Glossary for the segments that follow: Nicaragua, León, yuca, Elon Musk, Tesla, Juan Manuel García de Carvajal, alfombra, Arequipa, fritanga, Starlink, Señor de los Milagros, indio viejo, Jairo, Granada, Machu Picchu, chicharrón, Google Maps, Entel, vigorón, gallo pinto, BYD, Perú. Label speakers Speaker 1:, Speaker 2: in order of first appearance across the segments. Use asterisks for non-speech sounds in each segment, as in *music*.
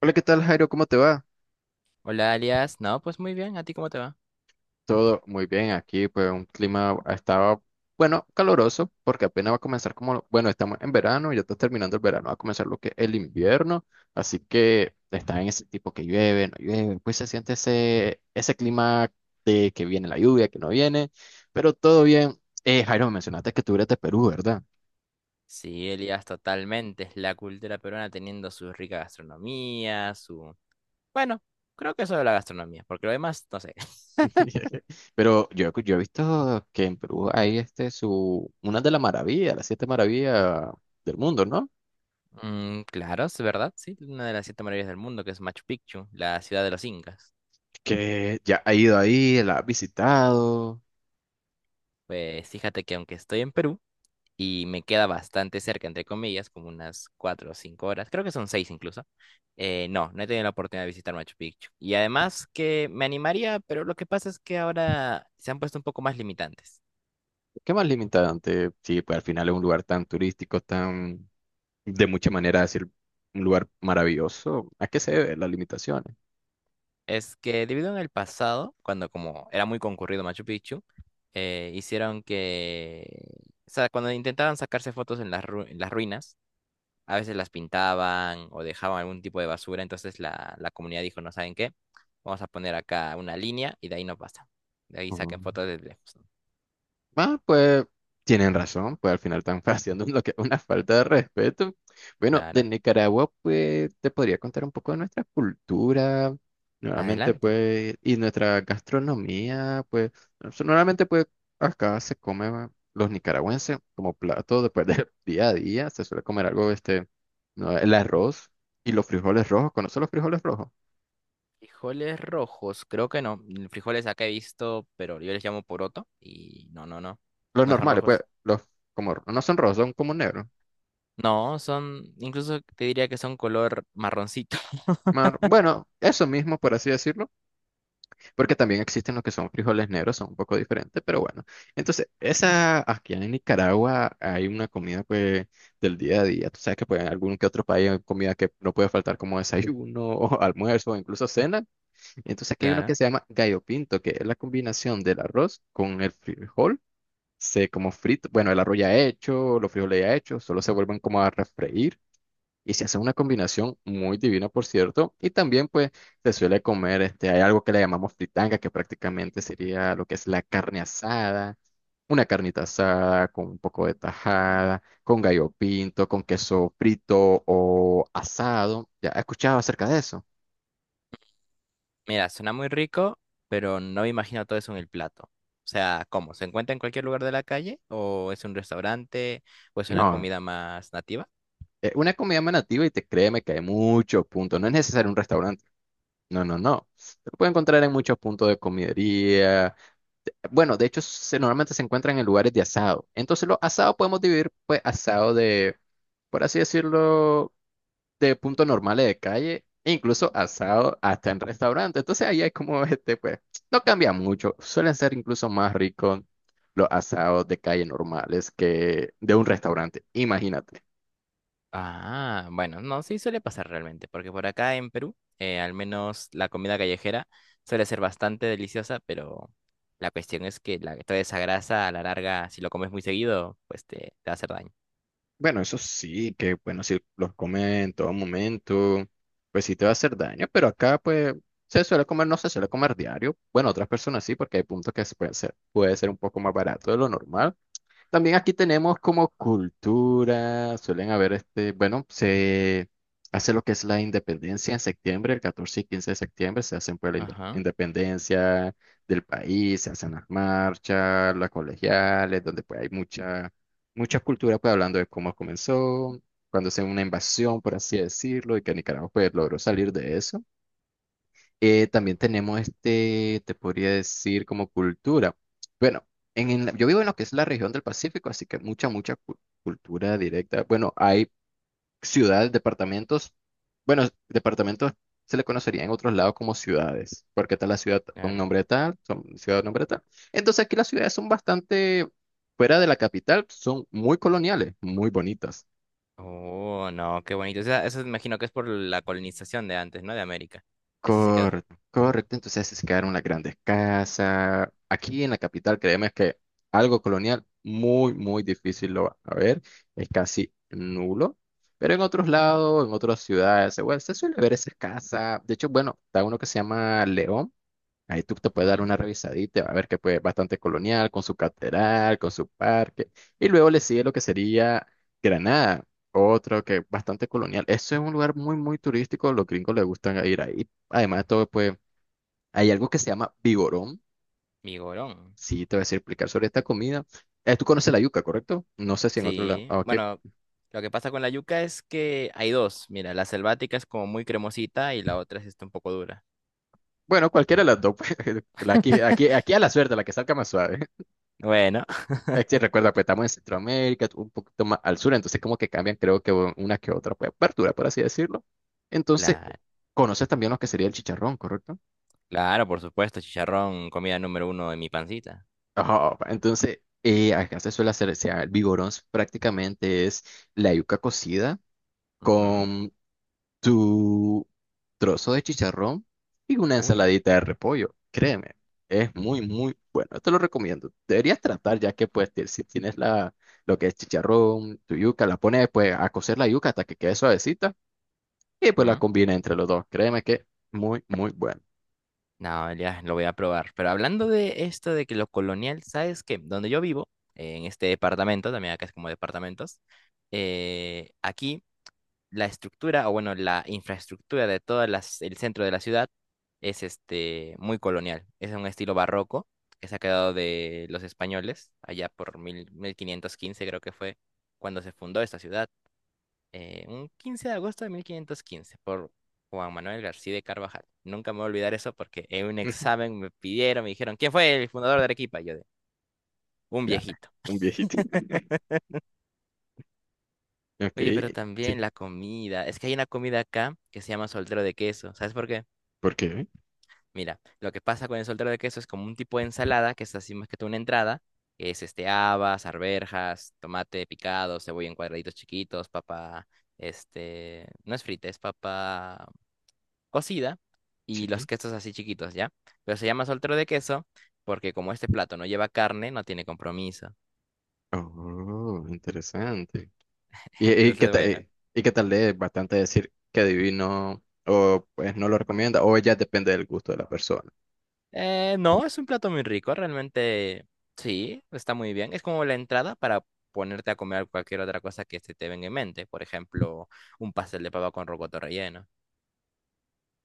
Speaker 1: Hola, ¿qué tal, Jairo? ¿Cómo te va?
Speaker 2: Hola, Elias. No, pues muy bien. ¿A ti cómo te va?
Speaker 1: Todo muy bien aquí, pues un clima estaba, bueno, caloroso, porque apenas va a comenzar como, bueno, estamos en verano, ya está terminando el verano, va a comenzar lo que es el invierno, así que está en ese tipo que llueve, no llueve, pues se siente ese clima de que viene la lluvia, que no viene, pero todo bien. Jairo, me mencionaste que tú eres de Perú, ¿verdad?
Speaker 2: Sí, Elias, totalmente. Es la cultura peruana teniendo su rica gastronomía, su... Bueno, creo que eso de la gastronomía, porque lo demás, no sé. *laughs*
Speaker 1: *laughs* Pero yo he visto que en Perú hay este, su, una de las maravillas, las siete maravillas del mundo, ¿no?
Speaker 2: Claro, es verdad, sí. Una de las siete maravillas del mundo, que es Machu Picchu, la ciudad de los incas.
Speaker 1: Que ya ha ido ahí, la ha visitado.
Speaker 2: Pues fíjate que aunque estoy en Perú, y me queda bastante cerca, entre comillas, como unas cuatro o cinco horas, creo que son seis incluso. No, no he tenido la oportunidad de visitar Machu Picchu. Y además que me animaría, pero lo que pasa es que ahora se han puesto un poco más limitantes.
Speaker 1: ¿Qué más limitante? Sí, pues al final es un lugar tan turístico, tan de muchas maneras decir un lugar maravilloso. ¿A qué se debe las limitaciones?
Speaker 2: Es que debido en el pasado, cuando como era muy concurrido Machu Picchu, hicieron que, o sea, cuando intentaban sacarse fotos en las, en las ruinas, a veces las pintaban o dejaban algún tipo de basura, entonces la comunidad dijo, no saben qué, vamos a poner acá una línea y de ahí no pasa. De ahí
Speaker 1: Ujú.
Speaker 2: saquen fotos desde lejos.
Speaker 1: Ah, pues tienen razón, pues al final están *laughs* haciendo lo que una falta de respeto. Bueno, de
Speaker 2: Claro.
Speaker 1: Nicaragua, pues te podría contar un poco de nuestra cultura, nuevamente,
Speaker 2: Adelante.
Speaker 1: pues, y nuestra gastronomía, pues, normalmente, pues, acá se come ah, los nicaragüenses como plato después del *laughs* día a día, se suele comer algo, este, no, el arroz y los frijoles rojos, ¿conoces los frijoles rojos?
Speaker 2: Frijoles rojos, creo que no. Frijoles acá he visto, pero yo les llamo poroto y no, no, no.
Speaker 1: Los
Speaker 2: No son
Speaker 1: normales, pues,
Speaker 2: rojos.
Speaker 1: los como no son rojos, son como negros.
Speaker 2: No, son, incluso te diría que son color marroncito. *laughs*
Speaker 1: Bueno, eso mismo, por así decirlo. Porque también existen los que son frijoles negros, son un poco diferentes, pero bueno. Entonces, esa, aquí en Nicaragua hay una comida pues del día a día. Tú sabes que pues en algún que otro país hay comida que no puede faltar como desayuno *laughs* o almuerzo o incluso cena. Entonces aquí hay uno que
Speaker 2: Claro.
Speaker 1: se llama gallo pinto, que es la combinación del arroz con el frijol. Se como frito, bueno, el arroz ya hecho, los frijoles ya hechos, solo se vuelven como a refreír y se hace una combinación muy divina, por cierto. Y también, pues, se suele comer, este, hay algo que le llamamos fritanga, que prácticamente sería lo que es la carne asada, una carnita asada con un poco de tajada, con gallo pinto, con queso frito o asado. ¿Ya has escuchado acerca de eso?
Speaker 2: Mira, suena muy rico, pero no me imagino todo eso en el plato. O sea, ¿cómo? ¿Se encuentra en cualquier lugar de la calle? ¿O es un restaurante? ¿O es una
Speaker 1: No,
Speaker 2: comida más nativa?
Speaker 1: es una comida más nativa y te créeme que hay muchos puntos. No es necesario un restaurante. No, no, no. Se puede encontrar en muchos puntos de comidería. Bueno, de hecho, normalmente se encuentran en lugares de asado. Entonces, los asados podemos dividir, pues, asado de, por así decirlo, de puntos normales de calle, e incluso asado hasta en restaurantes. Entonces, ahí hay como *laughs* este, pues, no cambia mucho. Suelen ser incluso más ricos los asados de calle normales que de un restaurante. Imagínate.
Speaker 2: Ah, bueno, no, sí suele pasar realmente, porque por acá en Perú, al menos la comida callejera suele ser bastante deliciosa, pero la cuestión es que la, toda esa grasa a la larga, si lo comes muy seguido, pues te va a hacer daño.
Speaker 1: Bueno, eso sí, que bueno, si los comes en todo momento, pues sí te va a hacer daño, pero acá pues se suele comer, no se suele comer diario. Bueno, otras personas sí, porque hay puntos que se pueden ser, puede ser un poco más barato de lo normal. También aquí tenemos como cultura, suelen haber este, bueno, se hace lo que es la independencia en septiembre, el 14 y 15 de septiembre, se hacen pues la
Speaker 2: Ajá,
Speaker 1: independencia del país, se hacen las marchas, las colegiales, donde pues hay mucha cultura pues hablando de cómo comenzó, cuando se una invasión, por así decirlo, y que Nicaragua pues logró salir de eso. También tenemos este, te podría decir, como cultura. Bueno, en, yo vivo en lo que es la región del Pacífico, así que mucha cultura directa. Bueno, hay ciudades, departamentos. Bueno, departamentos se le conocería en otros lados como ciudades, porque está la ciudad con
Speaker 2: claro.
Speaker 1: nombre tal, son ciudad con nombre tal. Entonces aquí las ciudades son bastante, fuera de la capital, son muy coloniales, muy bonitas.
Speaker 2: Oh, no, qué bonito. O sea, eso imagino que es por la colonización de antes, ¿no? De América. Que así se quedó.
Speaker 1: Correcto, correcto. Entonces se quedaron las grandes casas. Aquí en la capital, créeme que algo colonial muy, muy difícil lo va a ver. Es casi nulo. Pero en otros lados, en otras ciudades, bueno, se suele ver esas casas. De hecho, bueno, está uno que se llama León. Ahí tú te puedes dar
Speaker 2: Ujú.
Speaker 1: una revisadita, va a ver que pues bastante colonial, con su catedral, con su parque. Y luego le sigue lo que sería Granada, otro que es bastante colonial. Eso es un lugar muy, muy turístico, los gringos les gustan ir ahí. Además de todo, pues hay algo que se llama vigorón.
Speaker 2: Migorón.
Speaker 1: Sí, te voy a decir, explicar sobre esta comida. Tú conoces la yuca, ¿correcto? No sé si en otro lado.
Speaker 2: Sí,
Speaker 1: Ah, ok.
Speaker 2: bueno, lo que pasa con la yuca es que hay dos. Mira, la selvática es como muy cremosita y la otra es esta un poco dura.
Speaker 1: Bueno, cualquiera de las dos. *laughs* Pues, la aquí a la suerte, la que salga más suave.
Speaker 2: Bueno, *laughs*
Speaker 1: Es que recuerda, pues estamos en Centroamérica, un poquito más al sur, entonces como que cambian, creo que una que otra pues, apertura, por así decirlo. Entonces,
Speaker 2: la,
Speaker 1: conoces también lo que sería el chicharrón, ¿correcto?
Speaker 2: claro, por supuesto, chicharrón, comida número uno de mi pancita.
Speaker 1: Ajá, entonces, acá se suele hacer, o sea, el vigorón prácticamente es la yuca cocida
Speaker 2: Ujú.
Speaker 1: con tu trozo de chicharrón y una
Speaker 2: Uy.
Speaker 1: ensaladita de repollo. Créeme, es muy, muy bueno. Te lo recomiendo. Deberías tratar ya que pues si tienes la, lo que es chicharrón, tu yuca, la pones pues a cocer la yuca hasta que quede suavecita y pues la
Speaker 2: Ujú.
Speaker 1: combina entre los dos. Créeme que muy, muy bueno.
Speaker 2: No, ya lo voy a probar. Pero hablando de esto de que lo colonial, ¿sabes qué? Donde yo vivo, en este departamento, también acá es como departamentos, aquí. La estructura, o bueno, la infraestructura de todo el centro de la ciudad es este, muy colonial. Es un estilo barroco que se ha quedado de los españoles, allá por 1515 creo que fue cuando se fundó esta ciudad, un 15 de agosto de 1515, por Juan Manuel García de Carvajal. Nunca me voy a olvidar eso porque en un
Speaker 1: Ujú.
Speaker 2: examen me pidieron, me dijeron, ¿quién fue el fundador de Arequipa? Y yo de, un
Speaker 1: Ya,
Speaker 2: viejito.
Speaker 1: un viejito. *laughs* Ok,
Speaker 2: Oye, pero también
Speaker 1: sí.
Speaker 2: la comida. Es que hay una comida acá que se llama soltero de queso. ¿Sabes por qué?
Speaker 1: ¿Por qué?
Speaker 2: Mira, lo que pasa con el soltero de queso es como un tipo de ensalada, que es así más que todo una entrada, que es este habas, arvejas, tomate picado, cebolla en cuadraditos chiquitos, papa, este, no es frita, es papa cocida y los
Speaker 1: Sí.
Speaker 2: quesos así chiquitos, ¿ya? Pero se llama soltero de queso porque como este plato no lleva carne, no tiene compromiso.
Speaker 1: Oh, interesante.
Speaker 2: *laughs*
Speaker 1: Y que
Speaker 2: Entonces, bueno.
Speaker 1: te, y que tal vez bastante decir que divino o pues no lo recomienda o ya depende del gusto de la persona.
Speaker 2: No, es un plato muy rico, realmente sí, está muy bien. Es como la entrada para ponerte a comer cualquier otra cosa que se te venga en mente. Por ejemplo, un pastel de papa con rocoto relleno.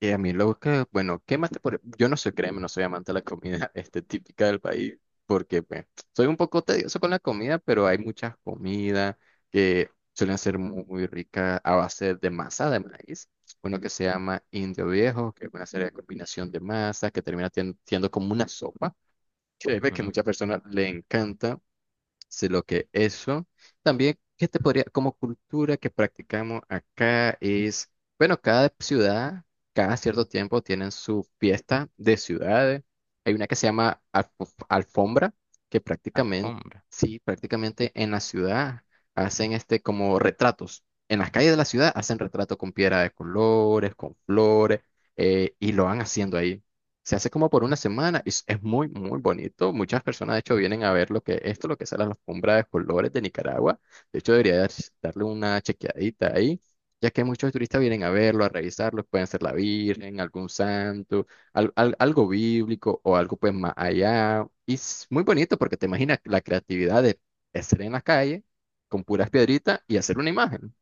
Speaker 1: Y a mí lo que, bueno, ¿qué más te podría- Yo no soy, créeme, no soy amante de la comida *laughs* este, típica del país porque pues, soy un poco tedioso con la comida, pero hay muchas comidas que suelen ser muy, muy ricas a base de masa de maíz. Uno que se llama indio viejo, que es una serie de combinación de masas que termina siendo como una sopa. Créeme que a
Speaker 2: Ujú.
Speaker 1: muchas personas le encanta. Solo que eso. También, ¿qué te podría, como cultura que practicamos acá es, bueno, cada ciudad, cada cierto tiempo tienen su fiesta de ciudades. Hay una que se llama alfombra, que prácticamente,
Speaker 2: Alfombra.
Speaker 1: sí, prácticamente en la ciudad hacen este como retratos. En las calles de la ciudad hacen retratos con piedra de colores, con flores, y lo van haciendo ahí. Se hace como por una semana y es muy, muy bonito. Muchas personas, de hecho, vienen a ver lo que esto, lo que es la alfombra de colores de Nicaragua. De hecho, debería darle una chequeadita ahí, ya que muchos turistas vienen a verlo, a revisarlo. Pueden ser la Virgen, algún santo, algo bíblico o algo pues más allá. Y es muy bonito porque te imaginas la creatividad de estar en la calle con puras piedritas y hacer una imagen.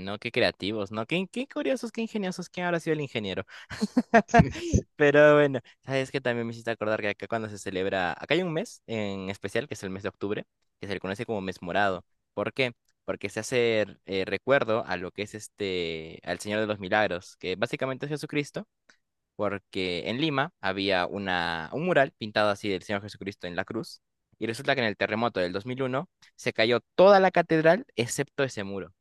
Speaker 2: No, qué creativos, ¿no? Qué, qué curiosos, qué ingeniosos. ¿Quién habrá sido el ingeniero? *laughs* Pero bueno, sabes que también me hiciste acordar que acá cuando se celebra, acá hay un mes en especial, que es el mes de octubre, que se le conoce como mes morado. ¿Por qué? Porque se hace recuerdo a lo que es este, al Señor de los Milagros, que básicamente es Jesucristo, porque en Lima había una, un mural pintado así del Señor Jesucristo en la cruz, y resulta que en el terremoto del 2001 se cayó toda la catedral excepto ese muro.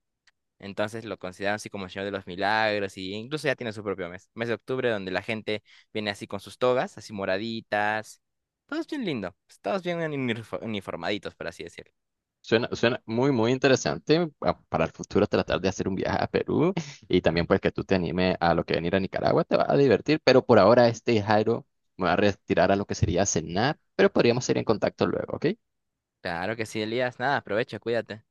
Speaker 2: Entonces lo consideran así como el Señor de los Milagros y incluso ya tiene su propio mes, mes de octubre donde la gente viene así con sus togas, así moraditas, todos bien lindo, pues, todos bien uniformaditos, por así decirlo.
Speaker 1: Suena, suena muy, muy interesante para el futuro tratar de hacer un viaje a Perú y también pues que tú te animes a lo que venir a Nicaragua, te va a divertir, pero por ahora este Jairo me va a retirar a lo que sería cenar, pero podríamos ir en contacto luego, ¿ok?
Speaker 2: Claro que sí, Elías, nada, aprovecha, cuídate.